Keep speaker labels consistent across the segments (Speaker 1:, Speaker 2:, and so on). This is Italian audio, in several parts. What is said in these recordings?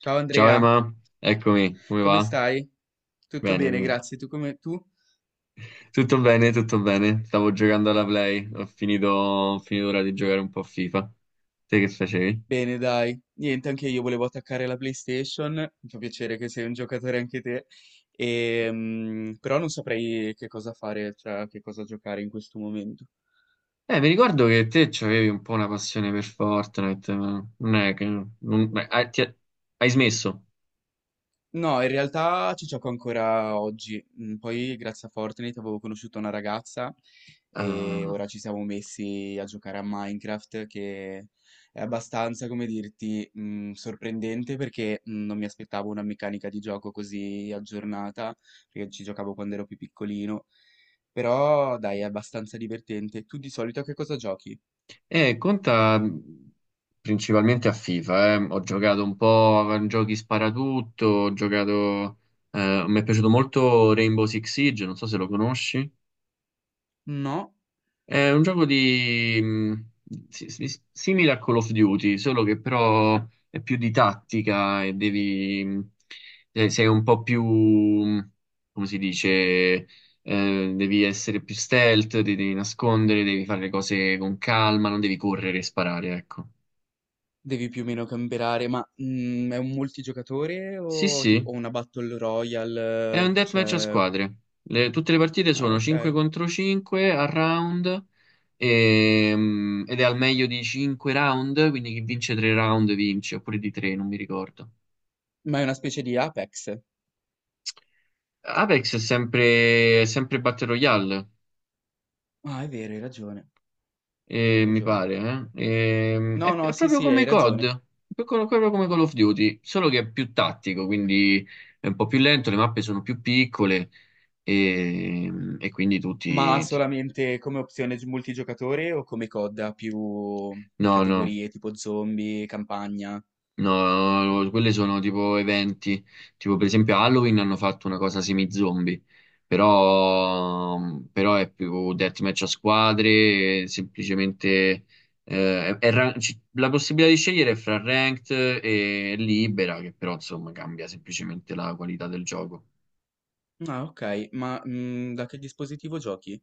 Speaker 1: Ciao
Speaker 2: Ciao
Speaker 1: Andrea,
Speaker 2: Emma, eccomi, come
Speaker 1: come
Speaker 2: va?
Speaker 1: stai? Tutto
Speaker 2: Bene,
Speaker 1: bene,
Speaker 2: bene.
Speaker 1: grazie. Tu come tu?
Speaker 2: Tutto bene, tutto bene. Stavo giocando alla Play, ho finito ora di giocare un po' a FIFA. Te che facevi?
Speaker 1: Bene, dai. Niente, anche io volevo attaccare la PlayStation. Mi fa piacere che sei un giocatore anche te. Però non saprei che cosa fare, cioè che cosa giocare in questo momento.
Speaker 2: Mi ricordo che te avevi un po' una passione per Fortnite, ma non è che... non- beh, hai smesso?
Speaker 1: No, in realtà ci gioco ancora oggi. Poi, grazie a Fortnite, avevo conosciuto una ragazza e
Speaker 2: Ah.
Speaker 1: ora ci siamo messi a giocare a Minecraft, che è abbastanza, come dirti, sorprendente perché non mi aspettavo una meccanica di gioco così aggiornata, perché ci giocavo quando ero più piccolino. Però, dai, è abbastanza divertente. Tu di solito a che cosa giochi?
Speaker 2: Conta principalmente a FIFA, eh. Ho giocato un po' a giochi sparatutto, mi è piaciuto molto Rainbow Six Siege, non so se lo conosci.
Speaker 1: No?
Speaker 2: È un gioco di simile a Call of Duty, solo che però è più di tattica e sei un po' più come si dice devi essere più stealth, ti devi nascondere, devi fare le cose con calma, non devi correre e sparare, ecco.
Speaker 1: Devi più o meno camperare, ma è un multigiocatore
Speaker 2: Sì,
Speaker 1: o tipo
Speaker 2: sì,
Speaker 1: o una Battle
Speaker 2: è
Speaker 1: Royale?
Speaker 2: un deathmatch a
Speaker 1: Cioè,
Speaker 2: squadre. Tutte le partite
Speaker 1: ah,
Speaker 2: sono
Speaker 1: ok.
Speaker 2: 5 contro 5 a round. Ed è al meglio di 5 round, quindi chi vince 3 round vince, oppure di 3, non mi ricordo.
Speaker 1: Ma è una specie di Apex.
Speaker 2: Apex è sempre Battle Royale,
Speaker 1: Ah, è vero, hai ragione, hai
Speaker 2: mi
Speaker 1: ragione.
Speaker 2: pare,
Speaker 1: No, no,
Speaker 2: È
Speaker 1: sì,
Speaker 2: proprio
Speaker 1: sì,
Speaker 2: come
Speaker 1: hai
Speaker 2: COD,
Speaker 1: ragione.
Speaker 2: proprio come Call of Duty, solo che è più tattico, quindi è un po' più lento, le mappe sono più piccole e, e quindi
Speaker 1: Ma
Speaker 2: tutti...
Speaker 1: solamente come opzione multigiocatore o come coda più
Speaker 2: No, no.
Speaker 1: categorie tipo zombie, campagna?
Speaker 2: No, no, quelli sono tipo eventi, tipo per esempio Halloween hanno fatto una cosa semi-zombie, però è più deathmatch a squadre, e semplicemente la possibilità di scegliere è fra ranked e libera, che però insomma cambia semplicemente la qualità del gioco.
Speaker 1: Ah, ok, ma da che dispositivo giochi?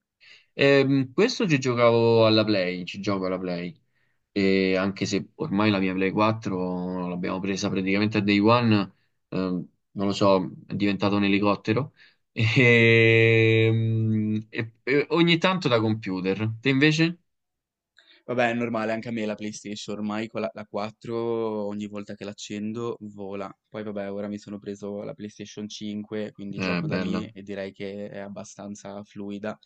Speaker 2: Questo ci giocavo alla Play, ci gioco alla Play. E anche se ormai la mia Play 4 l'abbiamo presa praticamente a day one, non lo so, è diventato un elicottero. E, e ogni tanto da computer. Te invece?
Speaker 1: Vabbè, è normale, anche a me la PlayStation, ormai con la 4 ogni volta che l'accendo vola. Poi vabbè, ora mi sono preso la PlayStation 5, quindi gioco da lì
Speaker 2: Bella.
Speaker 1: e direi che è abbastanza fluida.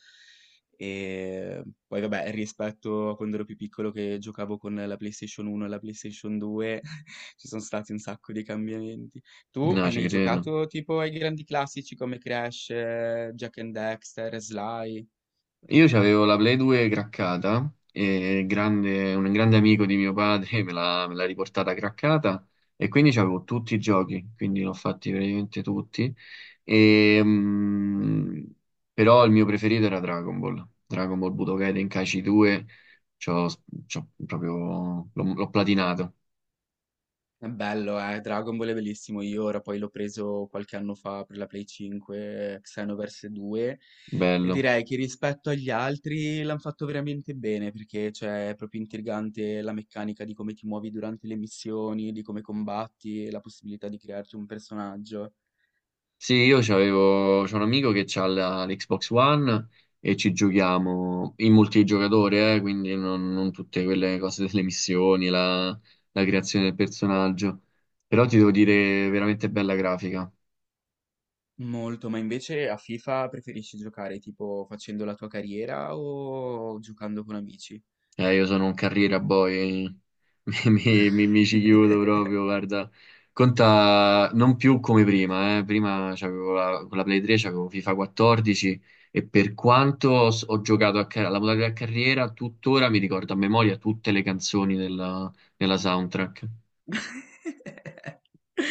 Speaker 1: E poi vabbè, rispetto a quando ero più piccolo che giocavo con la PlayStation 1 e la PlayStation 2, ci sono stati un sacco di cambiamenti. Tu
Speaker 2: No,
Speaker 1: hai
Speaker 2: ci
Speaker 1: mai
Speaker 2: credo.
Speaker 1: giocato tipo ai grandi classici come Crash, Jack and Dexter, Sly?
Speaker 2: Io avevo la Play 2 craccata e un grande amico di mio padre me l'ha riportata craccata e quindi c'avevo tutti i giochi, quindi l'ho fatti praticamente tutti. E, però il mio preferito era Dragon Ball, Dragon Ball Budokai Tenkaichi 2, c'ho, c'ho proprio, l'ho platinato,
Speaker 1: È bello, Dragon Ball è bellissimo. Io ora poi l'ho preso qualche anno fa per la Play 5, Xenoverse 2, e
Speaker 2: bello.
Speaker 1: direi che rispetto agli altri l'hanno fatto veramente bene perché cioè, è proprio intrigante la meccanica di come ti muovi durante le missioni, di come combatti, e la possibilità di crearti un personaggio.
Speaker 2: Sì, io c'ho un amico che ha l'Xbox One e ci giochiamo in multigiocatore, quindi non tutte quelle cose delle missioni, la creazione del personaggio. Però ti devo dire, veramente bella grafica.
Speaker 1: Molto, ma invece a FIFA preferisci giocare tipo facendo la tua carriera o giocando con amici?
Speaker 2: Io sono un carriera boy, mi ci chiudo proprio, guarda. Conta non più come prima, eh. Prima con la Play 3 c'avevo FIFA 14 e per quanto ho giocato alla modalità carriera, tuttora mi ricordo a memoria tutte le canzoni della soundtrack.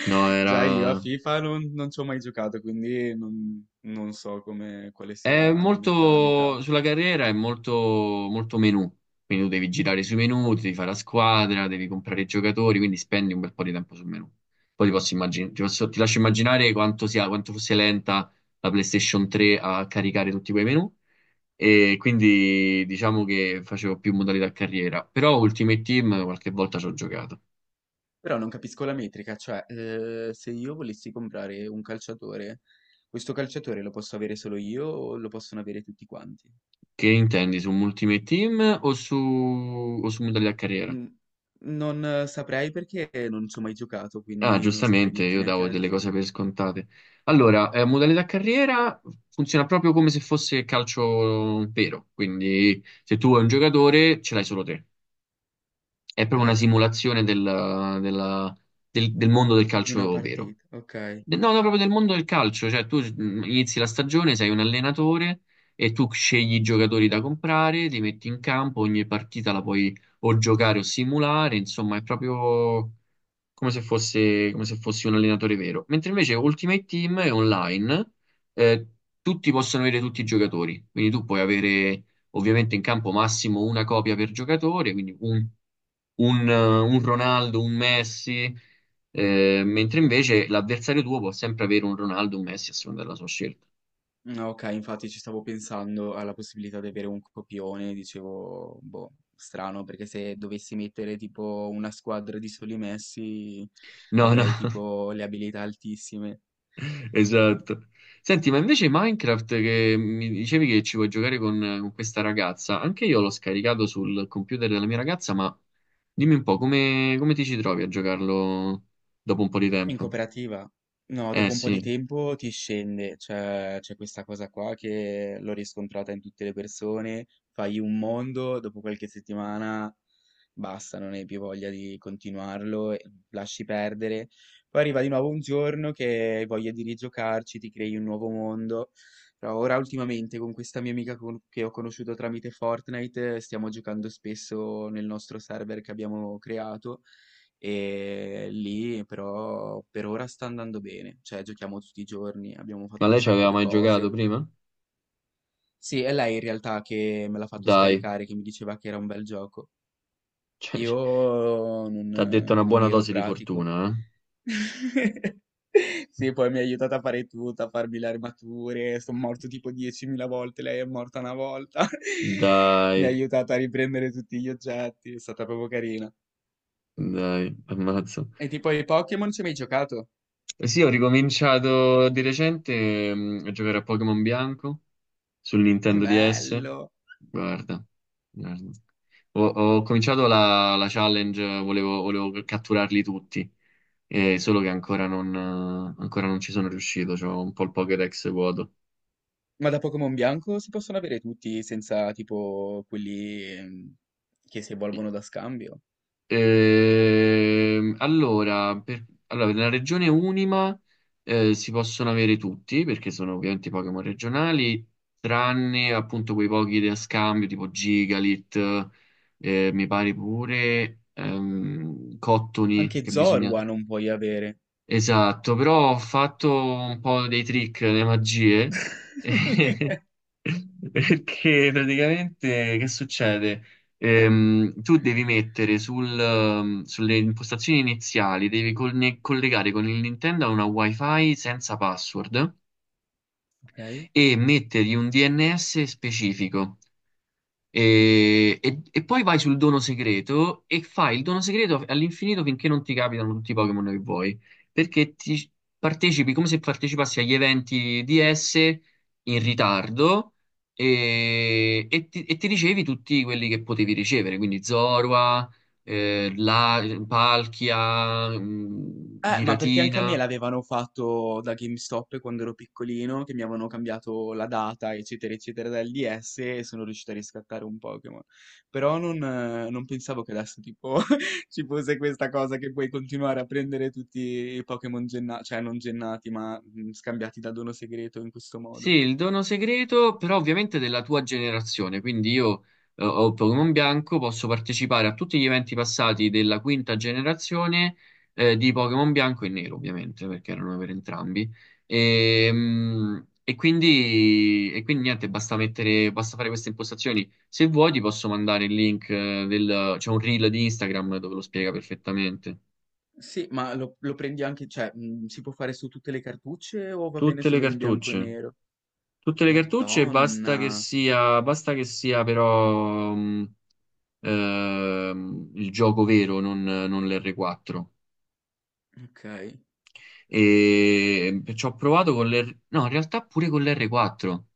Speaker 2: No,
Speaker 1: Già io a
Speaker 2: era...
Speaker 1: FIFA non ci ho mai giocato, quindi non so come, quale sia
Speaker 2: È
Speaker 1: la meccanica.
Speaker 2: molto sulla carriera, è molto, molto menu, quindi tu devi girare sui menu, ti devi fare la squadra, devi comprare i giocatori, quindi spendi un bel po' di tempo sul menu. Poi ti posso immaginare, ti lascio immaginare quanto sia, quanto fosse lenta la PlayStation 3 a caricare tutti quei menu e quindi diciamo che facevo più modalità carriera, però Ultimate Team qualche volta ci ho giocato.
Speaker 1: Però non capisco la metrica, cioè se io volessi comprare un calciatore, questo calciatore lo posso avere solo io o lo possono avere tutti quanti?
Speaker 2: Che intendi su Ultimate Team o su modalità carriera?
Speaker 1: Mm, Non saprei perché non ci ho mai giocato,
Speaker 2: Ah,
Speaker 1: quindi non saprei
Speaker 2: giustamente,
Speaker 1: dirti
Speaker 2: io
Speaker 1: neanche
Speaker 2: davo
Speaker 1: la
Speaker 2: delle cose
Speaker 1: differenza.
Speaker 2: per scontate. Allora, modalità carriera funziona proprio come se fosse calcio vero, quindi se tu hai un giocatore ce l'hai solo te. È
Speaker 1: Ok,
Speaker 2: proprio una simulazione della- del mondo del
Speaker 1: di una
Speaker 2: calcio vero.
Speaker 1: partita, ok.
Speaker 2: No, no, proprio del mondo del calcio, cioè tu inizi la stagione, sei un allenatore e tu scegli i giocatori da comprare, li metti in campo, ogni partita la puoi o giocare o simulare, insomma è proprio come se fossi un allenatore vero. Mentre invece Ultimate Team è online, eh, tutti possono avere tutti i giocatori, quindi tu puoi avere ovviamente in campo massimo una copia per giocatore, quindi un Ronaldo, un Messi. Mentre invece l'avversario tuo può sempre avere un Ronaldo, un Messi a seconda della sua scelta.
Speaker 1: Ok, infatti ci stavo pensando alla possibilità di avere un copione, dicevo, boh, strano, perché se dovessi mettere tipo una squadra di soli messi
Speaker 2: No, no,
Speaker 1: avrei tipo le abilità altissime.
Speaker 2: esatto. Senti, ma invece Minecraft che mi dicevi che ci vuoi giocare con questa ragazza, anche io l'ho scaricato sul computer della mia ragazza, ma dimmi un po' come ti ci trovi a giocarlo dopo un po' di
Speaker 1: In
Speaker 2: tempo?
Speaker 1: cooperativa? No,
Speaker 2: Eh
Speaker 1: dopo un po' di
Speaker 2: sì,
Speaker 1: tempo ti scende, cioè c'è questa cosa qua che l'ho riscontrata in tutte le persone, fai un mondo, dopo qualche settimana basta, non hai più voglia di continuarlo, e lasci perdere. Poi arriva di nuovo un giorno che hai voglia di rigiocarci, ti crei un nuovo mondo. Però ora ultimamente con questa mia amica che ho conosciuto tramite Fortnite stiamo giocando spesso nel nostro server che abbiamo creato. E lì però per ora sta andando bene, cioè giochiamo tutti i giorni, abbiamo
Speaker 2: ma
Speaker 1: fatto un
Speaker 2: lei ci
Speaker 1: sacco
Speaker 2: aveva
Speaker 1: di
Speaker 2: mai giocato
Speaker 1: cose.
Speaker 2: prima?
Speaker 1: Sì, è lei in realtà che me l'ha fatto
Speaker 2: Dai,
Speaker 1: scaricare, che mi diceva che era un bel gioco.
Speaker 2: cioè,
Speaker 1: Io non,
Speaker 2: ti ha detto una
Speaker 1: non
Speaker 2: buona
Speaker 1: ero
Speaker 2: dose di
Speaker 1: pratico.
Speaker 2: fortuna, eh?
Speaker 1: Sì, poi mi ha aiutato a fare tutto, a farmi le armature, sono morto tipo 10.000 volte, lei è morta una volta. Mi ha
Speaker 2: Dai,
Speaker 1: aiutato a riprendere tutti gli oggetti, è stata proprio carina.
Speaker 2: dai, ammazza.
Speaker 1: E tipo ai Pokémon ci hai mai giocato?
Speaker 2: Eh sì, ho ricominciato di recente a giocare a Pokémon Bianco sul Nintendo DS.
Speaker 1: Bello.
Speaker 2: Guarda, guarda. Ho cominciato la challenge, volevo catturarli tutti, solo che ancora non ci sono riuscito, c'ho un po' il Pokédex vuoto.
Speaker 1: Ma da Pokémon bianco si possono avere tutti senza tipo quelli che si evolvono da scambio?
Speaker 2: Allora, per la regione Unima, si possono avere tutti, perché sono ovviamente i Pokémon regionali, tranne appunto quei pochi da scambio, tipo Gigalit, mi pare pure Cottony,
Speaker 1: Anche
Speaker 2: che bisogna...
Speaker 1: Zorua non puoi avere.
Speaker 2: Esatto, però ho fatto un po' dei trick, delle magie. Perché praticamente che succede? Tu devi mettere sulle impostazioni iniziali, devi collegare con il Nintendo a una WiFi senza password
Speaker 1: Ok? Ok?
Speaker 2: e mettergli un DNS specifico. E, e poi vai sul dono segreto e fai il dono segreto all'infinito finché non ti capitano tutti i Pokémon che vuoi. Perché ti partecipi come se partecipassi agli eventi DS in ritardo e, e ti ricevi tutti quelli che potevi ricevere, quindi Zorua, eh, la, Palkia,
Speaker 1: Ma perché anche a me
Speaker 2: Giratina.
Speaker 1: l'avevano fatto da GameStop quando ero piccolino, che mi avevano cambiato la data, eccetera, eccetera, dal DS e sono riuscito a riscattare un Pokémon. Però non pensavo che adesso tipo ci fosse questa cosa che puoi continuare a prendere tutti i Pokémon gennati, cioè non gennati, ma scambiati da dono segreto in questo
Speaker 2: Sì,
Speaker 1: modo.
Speaker 2: il dono segreto, però ovviamente della tua generazione, quindi io ho Pokémon Bianco, posso partecipare a tutti gli eventi passati della quinta generazione, di Pokémon Bianco e Nero, ovviamente, perché erano per entrambi. E, e quindi niente, basta fare queste impostazioni. Se vuoi ti posso mandare il link, c'è un reel di Instagram dove lo spiega perfettamente.
Speaker 1: Sì, ma lo prendi anche, cioè, si può fare su tutte le cartucce o va bene
Speaker 2: Tutte le
Speaker 1: solo in bianco e
Speaker 2: cartucce.
Speaker 1: nero?
Speaker 2: Tutte le cartucce,
Speaker 1: Madonna,
Speaker 2: basta che sia però il gioco vero, non l'R4.
Speaker 1: ok.
Speaker 2: E ci ho provato con l'R... No, in realtà pure con l'R4.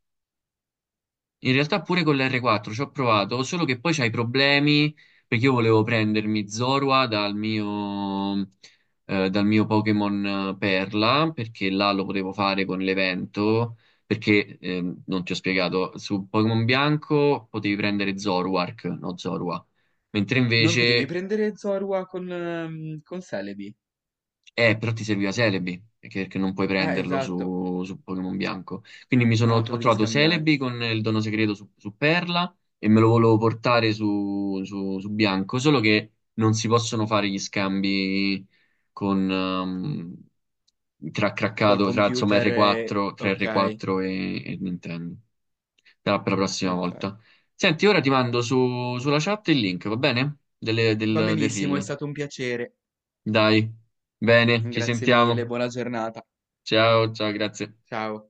Speaker 2: In realtà pure con l'R4 ci ho provato, solo che poi c'hai problemi perché io volevo prendermi Zorua dal mio Pokémon, Perla, perché là lo potevo fare con l'evento, perché non ti ho spiegato, su Pokémon Bianco potevi prendere Zoruark, no Zorua, mentre
Speaker 1: Non potevi
Speaker 2: invece
Speaker 1: prendere Zorua con Celebi?
Speaker 2: eh, però ti serviva Celebi, perché non puoi prenderlo
Speaker 1: Esatto.
Speaker 2: su Pokémon Bianco. Quindi
Speaker 1: No, te
Speaker 2: ho
Speaker 1: lo devi
Speaker 2: trovato
Speaker 1: scambiare.
Speaker 2: Celebi con il dono segreto su Perla e me lo volevo portare su Bianco, solo che non si possono fare gli scambi tra
Speaker 1: Col
Speaker 2: craccato, tra insomma
Speaker 1: computer.
Speaker 2: R4, tra
Speaker 1: Ok,
Speaker 2: R4 e Nintendo. Per la prossima
Speaker 1: ok.
Speaker 2: volta. Senti, ora ti mando sulla chat il link, va bene?
Speaker 1: Va
Speaker 2: Del
Speaker 1: benissimo, è
Speaker 2: reel.
Speaker 1: stato un piacere.
Speaker 2: Dai, bene, ci
Speaker 1: Grazie mille,
Speaker 2: sentiamo.
Speaker 1: buona giornata.
Speaker 2: Ciao, ciao, grazie.
Speaker 1: Ciao.